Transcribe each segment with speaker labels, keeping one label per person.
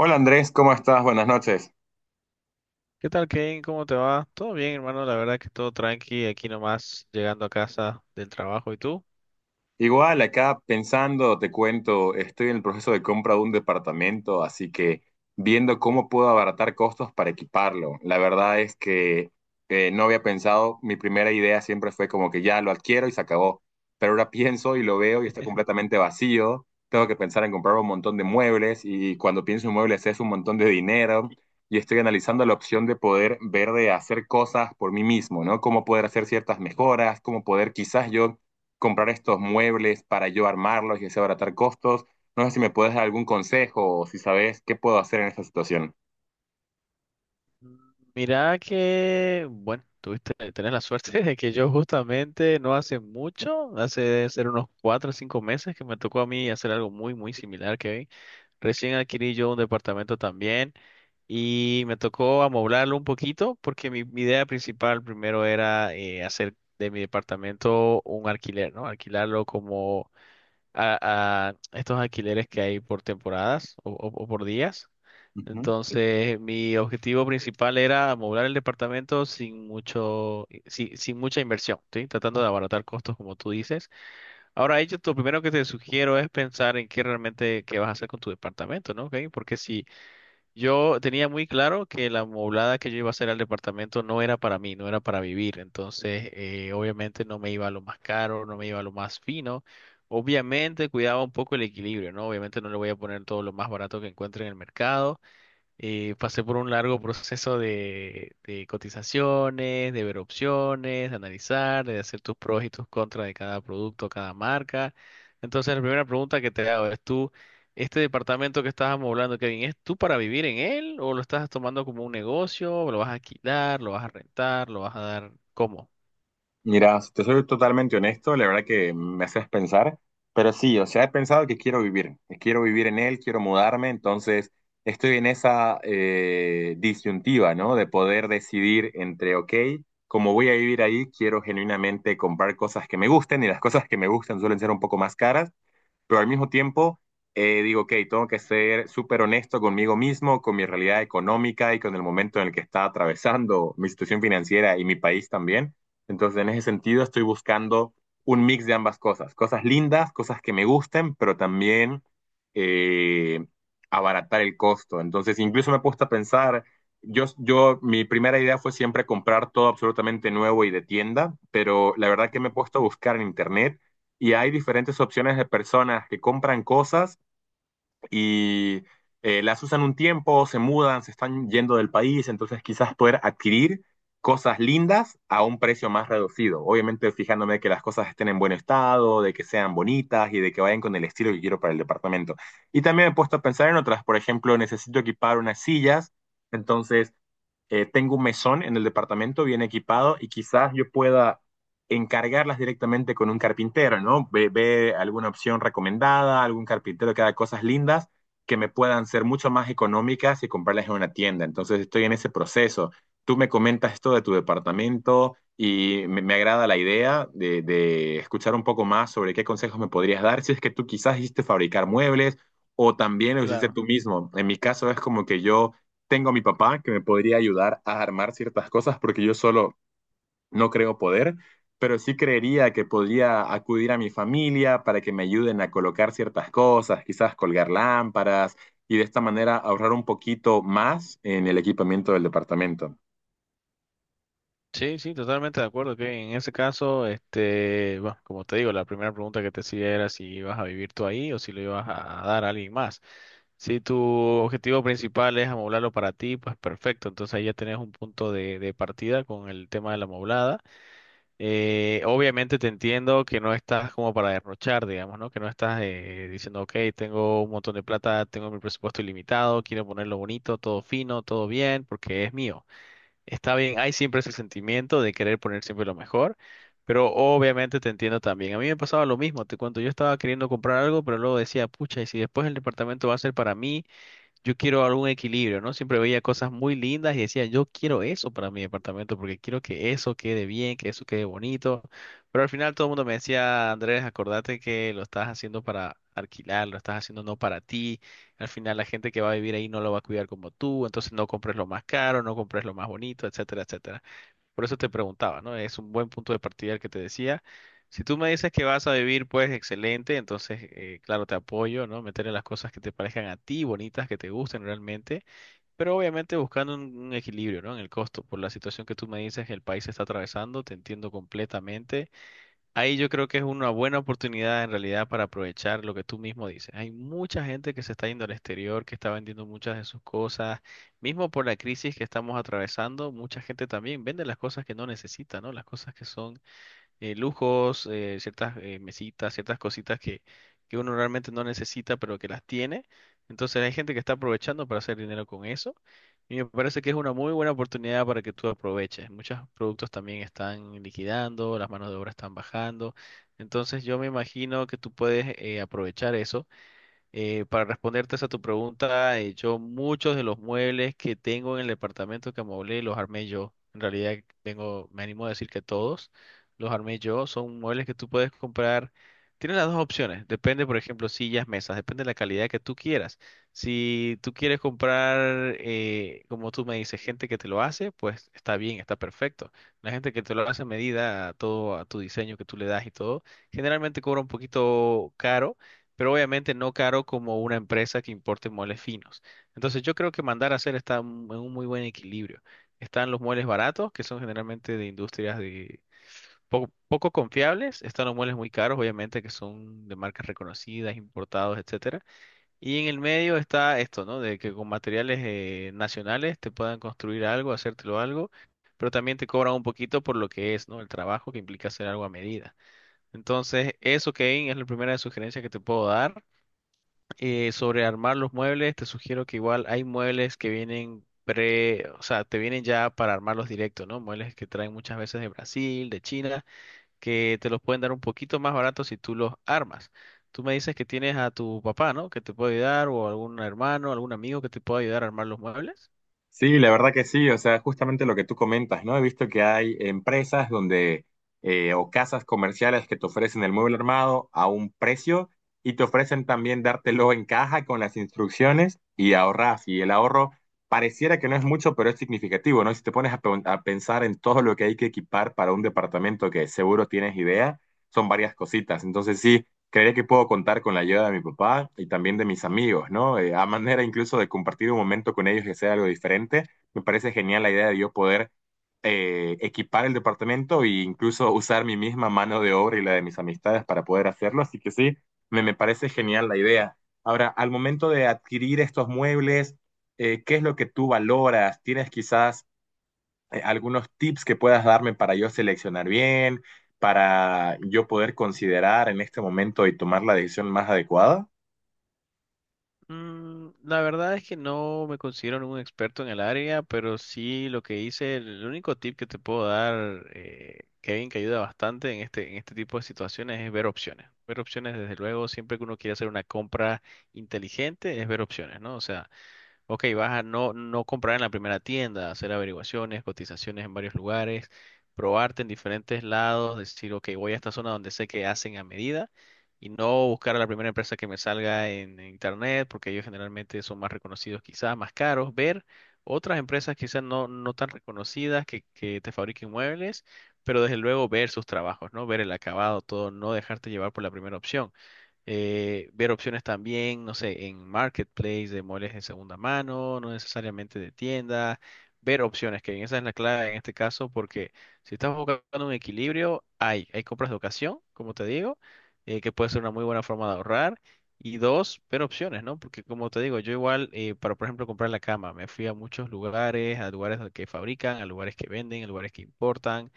Speaker 1: Hola Andrés, ¿cómo estás? Buenas noches.
Speaker 2: ¿Qué tal, Kane? ¿Cómo te va? Todo bien, hermano. La verdad que todo tranqui. Aquí nomás llegando a casa del trabajo. ¿Y tú?
Speaker 1: Igual, acá pensando, te cuento, estoy en el proceso de compra de un departamento, así que viendo cómo puedo abaratar costos para equiparlo. La verdad es que no había pensado, mi primera idea siempre fue como que ya lo adquiero y se acabó, pero ahora pienso y lo veo y está completamente vacío, tengo que pensar en comprar un montón de muebles y cuando pienso en muebles es un montón de dinero y estoy analizando la opción de poder ver de hacer cosas por mí mismo, ¿no? Cómo poder hacer ciertas mejoras, cómo poder quizás yo comprar estos muebles para yo armarlos y así abaratar costos. No sé si me puedes dar algún consejo o si sabes qué puedo hacer en esta situación.
Speaker 2: Mm, Mira que, bueno, tenés la suerte de que yo justamente no hace mucho, hace debe ser unos cuatro o cinco meses que me tocó a mí hacer algo muy, muy similar, Kevin. Recién adquirí yo un departamento también y me tocó amoblarlo un poquito porque mi idea principal primero era hacer de mi departamento un alquiler, ¿no? Alquilarlo como a estos alquileres que hay por temporadas o, o por días.
Speaker 1: Ujú.
Speaker 2: Entonces, mi objetivo principal era amoblar el departamento sin mucho, sin mucha inversión, ¿sí? Tratando de abaratar costos, como tú dices. Ahora, ello, lo primero que te sugiero es pensar en qué realmente qué vas a hacer con tu departamento, ¿no? ¿Ok? Porque si yo tenía muy claro que la moblada que yo iba a hacer al departamento no era para mí, no era para vivir. Entonces, obviamente no me iba a lo más caro, no me iba a lo más fino. Obviamente cuidaba un poco el equilibrio, ¿no? Obviamente no le voy a poner todo lo más barato que encuentre en el mercado. Pasé por un largo proceso de cotizaciones, de ver opciones, de analizar, de hacer tus pros y tus contras de cada producto, cada marca. Entonces, la primera pregunta que te hago es tú, este departamento que estás amoblando, Kevin, ¿es tú para vivir en él o lo estás tomando como un negocio? ¿O ¿lo vas a alquilar? ¿Lo vas a rentar? ¿Lo vas a dar? ¿Cómo?
Speaker 1: Mira, si te soy totalmente honesto, la verdad que me haces pensar, pero sí, o sea, he pensado que quiero vivir en él, quiero mudarme, entonces estoy en esa disyuntiva, ¿no? De poder decidir entre, ok, como voy a vivir ahí, quiero genuinamente comprar cosas que me gusten y las cosas que me gustan suelen ser un poco más caras, pero al mismo tiempo digo, ok, tengo que ser súper honesto conmigo mismo, con mi realidad económica y con el momento en el que está atravesando mi situación financiera y mi país también. Entonces, en ese sentido, estoy buscando un mix de ambas cosas, cosas lindas, cosas que me gusten, pero también eh, abaratar el costo. Entonces, incluso me he puesto a pensar, mi primera idea fue siempre comprar todo absolutamente nuevo y de tienda, pero la verdad que me he
Speaker 2: Ujú.
Speaker 1: puesto a buscar en internet y hay diferentes opciones de personas que compran cosas y las usan un tiempo, se mudan, se están yendo del país, entonces quizás poder adquirir cosas lindas a un precio más reducido. Obviamente fijándome que las cosas estén en buen estado, de que sean bonitas y de que vayan con el estilo que quiero para el departamento. Y también me he puesto a pensar en otras, por ejemplo, necesito equipar unas sillas, entonces tengo un mesón en el departamento bien equipado y quizás yo pueda encargarlas directamente con un carpintero, ¿no? Ve alguna opción recomendada, algún carpintero que haga cosas lindas que me puedan ser mucho más económicas y comprarlas en una tienda. Entonces estoy en ese proceso. Tú me comentas esto de tu departamento y me agrada la idea de escuchar un poco más sobre qué consejos me podrías dar si es que tú quizás hiciste fabricar muebles o también lo hiciste
Speaker 2: Claro.
Speaker 1: tú mismo. En mi caso es como que yo tengo a mi papá que me podría ayudar a armar ciertas cosas porque yo solo no creo poder, pero sí creería que podría acudir a mi familia para que me ayuden a colocar ciertas cosas, quizás colgar lámparas y de esta manera ahorrar un poquito más en el equipamiento del departamento.
Speaker 2: Sí, sí, totalmente de acuerdo que en ese caso, este, bueno, como te digo, la primera pregunta que te hacía era si ibas a vivir tú ahí o si lo ibas a dar a alguien más. Si tu objetivo principal es amoblarlo para ti, pues perfecto. Entonces ahí ya tenés un punto de partida con el tema de la amoblada. Obviamente te entiendo que no estás como para derrochar, digamos, ¿no? Que no estás diciendo, ok, tengo un montón de plata, tengo mi presupuesto ilimitado, quiero ponerlo bonito, todo fino, todo bien, porque es mío. Está bien, hay siempre ese sentimiento de querer poner siempre lo mejor, pero obviamente te entiendo también. A mí me pasaba lo mismo, te cuento, yo estaba queriendo comprar algo, pero luego decía, pucha, y si después el departamento va a ser para mí yo quiero algún equilibrio, ¿no? Siempre veía cosas muy lindas y decía, yo quiero eso para mi departamento porque quiero que eso quede bien, que eso quede bonito. Pero al final todo el mundo me decía, Andrés, acordate que lo estás haciendo para alquilar, lo estás haciendo no para ti. Al final la gente que va a vivir ahí no lo va a cuidar como tú, entonces no compres lo más caro, no compres lo más bonito, etcétera, etcétera. Por eso te preguntaba, ¿no? Es un buen punto de partida el que te decía. Si tú me dices que vas a vivir, pues excelente, entonces, claro, te apoyo, ¿no? Meterle las cosas que te parezcan a ti bonitas, que te gusten realmente, pero obviamente buscando un equilibrio, ¿no? En el costo, por la situación que tú me dices que el país está atravesando, te entiendo completamente. Ahí yo creo que es una buena oportunidad en realidad para aprovechar lo que tú mismo dices. Hay mucha gente que se está yendo al exterior, que está vendiendo muchas de sus cosas. Mismo por la crisis que estamos atravesando, mucha gente también vende las cosas que no necesita, ¿no? Las cosas que son lujos, ciertas mesitas, ciertas cositas que uno realmente no necesita, pero que las tiene. Entonces hay gente que está aprovechando para hacer dinero con eso. Y me parece que es una muy buena oportunidad para que tú aproveches. Muchos productos también están liquidando, las manos de obra están bajando. Entonces yo me imagino que tú puedes aprovechar eso para responderte a tu pregunta, yo muchos de los muebles que tengo en el departamento que amoblé los armé yo. En realidad tengo, me animo a decir que todos los armé yo. Son muebles que tú puedes comprar. Tienes las dos opciones. Depende, por ejemplo, sillas, mesas. Depende de la calidad que tú quieras. Si tú quieres comprar, como tú me dices, gente que te lo hace, pues está bien, está perfecto. La gente que te lo hace a medida, a todo, a tu diseño que tú le das y todo, generalmente cobra un poquito caro pero obviamente no caro como una empresa que importe muebles finos. Entonces yo creo que mandar a hacer está en un muy buen equilibrio. Están los muebles baratos, que son generalmente de industrias de poco confiables, están los muebles muy caros, obviamente, que son de marcas reconocidas, importados, etcétera. Y en el medio está esto, ¿no? De que con materiales nacionales te puedan construir algo, hacértelo algo, pero también te cobran un poquito por lo que es, ¿no? El trabajo que implica hacer algo a medida. Entonces, eso, Kevin, es la primera sugerencia que te puedo dar. Sobre armar los muebles, te sugiero que igual hay muebles que vienen pre, o sea, te vienen ya para armarlos directo, ¿no? Muebles que traen muchas veces de Brasil, de China, que te los pueden dar un poquito más baratos si tú los armas. Tú me dices que tienes a tu papá, ¿no? Que te puede ayudar, o algún hermano, algún amigo que te pueda ayudar a armar los muebles.
Speaker 1: Sí, la verdad que sí, o sea, justamente lo que tú comentas, ¿no? He visto que hay empresas donde, o casas comerciales que te ofrecen el mueble armado a un precio y te ofrecen también dártelo en caja con las instrucciones y ahorras. Y el ahorro pareciera que no es mucho, pero es significativo, ¿no? Si te pones a pensar en todo lo que hay que equipar para un departamento que seguro tienes idea, son varias cositas. Entonces sí. Creería que puedo contar con la ayuda de mi papá y también de mis amigos, ¿no? A manera incluso de compartir un momento con ellos que sea algo diferente. Me parece genial la idea de yo poder equipar el departamento e incluso usar mi misma mano de obra y la de mis amistades para poder hacerlo. Así que sí, me parece genial la idea. Ahora, al momento de adquirir estos muebles, ¿qué es lo que tú valoras? ¿Tienes quizás algunos tips que puedas darme para yo seleccionar bien, para yo poder considerar en este momento y tomar la decisión más adecuada?
Speaker 2: La verdad es que no me considero un experto en el área, pero sí lo que hice, el único tip que te puedo dar, Kevin, que ayuda bastante en este tipo de situaciones es ver opciones. Ver opciones, desde luego, siempre que uno quiere hacer una compra inteligente, es ver opciones, ¿no? O sea, ok, vas a no comprar en la primera tienda, hacer averiguaciones, cotizaciones en varios lugares, probarte en diferentes lados, decir, ok, voy a esta zona donde sé que hacen a medida y no buscar a la primera empresa que me salga en internet, porque ellos generalmente son más reconocidos quizás, más caros, ver otras empresas quizás no tan reconocidas que te fabriquen muebles, pero desde luego ver sus trabajos, ¿no? Ver el acabado, todo, no dejarte llevar por la primera opción ver opciones también, no sé, en marketplace de muebles de segunda mano, no necesariamente de tienda, ver opciones, que esa es la clave en este caso, porque si estás buscando un equilibrio, hay compras de ocasión, como te digo, que puede ser una muy buena forma de ahorrar. Y dos, ver opciones, ¿no? Porque como te digo, yo igual, para por ejemplo comprar la cama, me fui a muchos lugares, a lugares que fabrican, a lugares que venden, a lugares que importan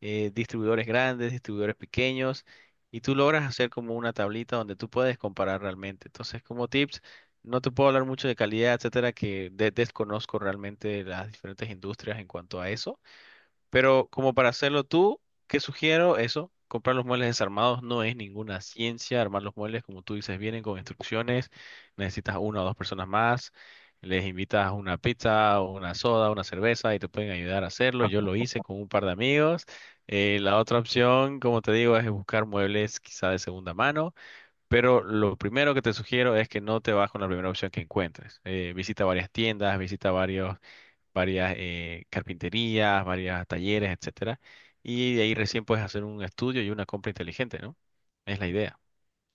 Speaker 2: distribuidores grandes, distribuidores pequeños, y tú logras hacer como una tablita donde tú puedes comparar realmente. Entonces, como tips, no te puedo hablar mucho de calidad, etcétera, que desconozco realmente las diferentes industrias en cuanto a eso pero como para hacerlo tú, ¿qué sugiero? Eso, comprar los muebles desarmados no es ninguna ciencia. Armar los muebles, como tú dices, vienen con instrucciones. Necesitas una o dos personas más. Les invitas una pizza o una soda, una cerveza y te pueden ayudar a hacerlo. Yo lo hice con un par de amigos. La otra opción, como te digo, es buscar muebles quizá de segunda mano. Pero lo primero que te sugiero es que no te vas con la primera opción que encuentres. Visita varias tiendas, visita varios varias carpinterías, varios talleres, etcétera. Y de ahí recién puedes hacer un estudio y una compra inteligente, ¿no? Es la idea.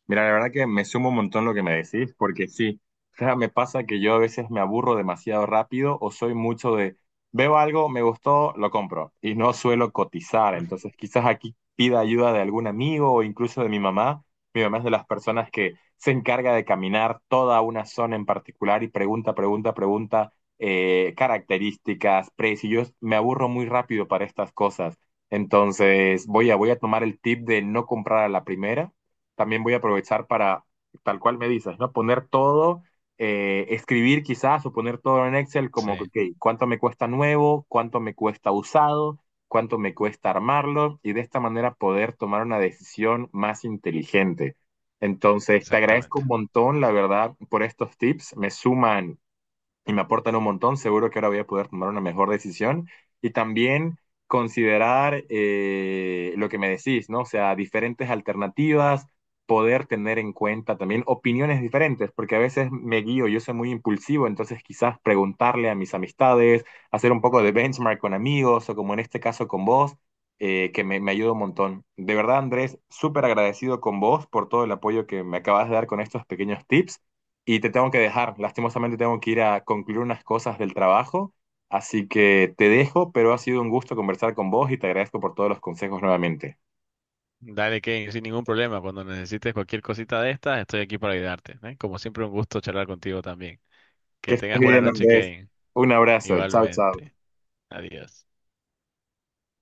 Speaker 1: Mira, la verdad que me sumo un montón lo que me decís, porque sí, o sea, me pasa que yo a veces me aburro demasiado rápido o soy mucho de, veo algo, me gustó, lo compro y no suelo cotizar, entonces quizás aquí pida ayuda de algún amigo o incluso de mi mamá. Mi mamá es de las personas que se encarga de caminar toda una zona en particular y pregunta, pregunta, pregunta, características, precios. Me aburro muy rápido para estas cosas. Entonces voy a tomar el tip de no comprar a la primera también voy a aprovechar para, tal cual me dices, ¿no? Poner todo, escribir quizás o poner todo en Excel como, que,
Speaker 2: Sí,
Speaker 1: ok, ¿cuánto me cuesta nuevo? ¿Cuánto me cuesta usado? ¿Cuánto me cuesta armarlo? Y de esta manera poder tomar una decisión más inteligente. Entonces, te agradezco un
Speaker 2: exactamente.
Speaker 1: montón, la verdad, por estos tips. Me suman y me aportan un montón, seguro que ahora voy a poder tomar una mejor decisión y también considerar lo que me decís, ¿no? O sea, diferentes alternativas, poder tener en cuenta también opiniones diferentes, porque a veces me guío, yo soy muy impulsivo, entonces quizás preguntarle a mis amistades, hacer un poco de benchmark con amigos o como en este caso con vos. Que me ayuda un montón. De verdad, Andrés, súper agradecido con vos por todo el apoyo que me acabas de dar con estos pequeños tips. Y te tengo que dejar, lastimosamente tengo que ir a concluir unas cosas del trabajo, así que te dejo, pero ha sido un gusto conversar con vos y te agradezco por todos los consejos nuevamente.
Speaker 2: Dale, Kevin, sin ningún problema. Cuando necesites cualquier cosita de estas, estoy aquí para ayudarte, ¿eh? Como siempre, un gusto charlar contigo también.
Speaker 1: Que
Speaker 2: Que
Speaker 1: estés
Speaker 2: tengas buena
Speaker 1: bien,
Speaker 2: noche,
Speaker 1: Andrés.
Speaker 2: Kevin.
Speaker 1: Un abrazo. Chao, chao.
Speaker 2: Igualmente. Adiós.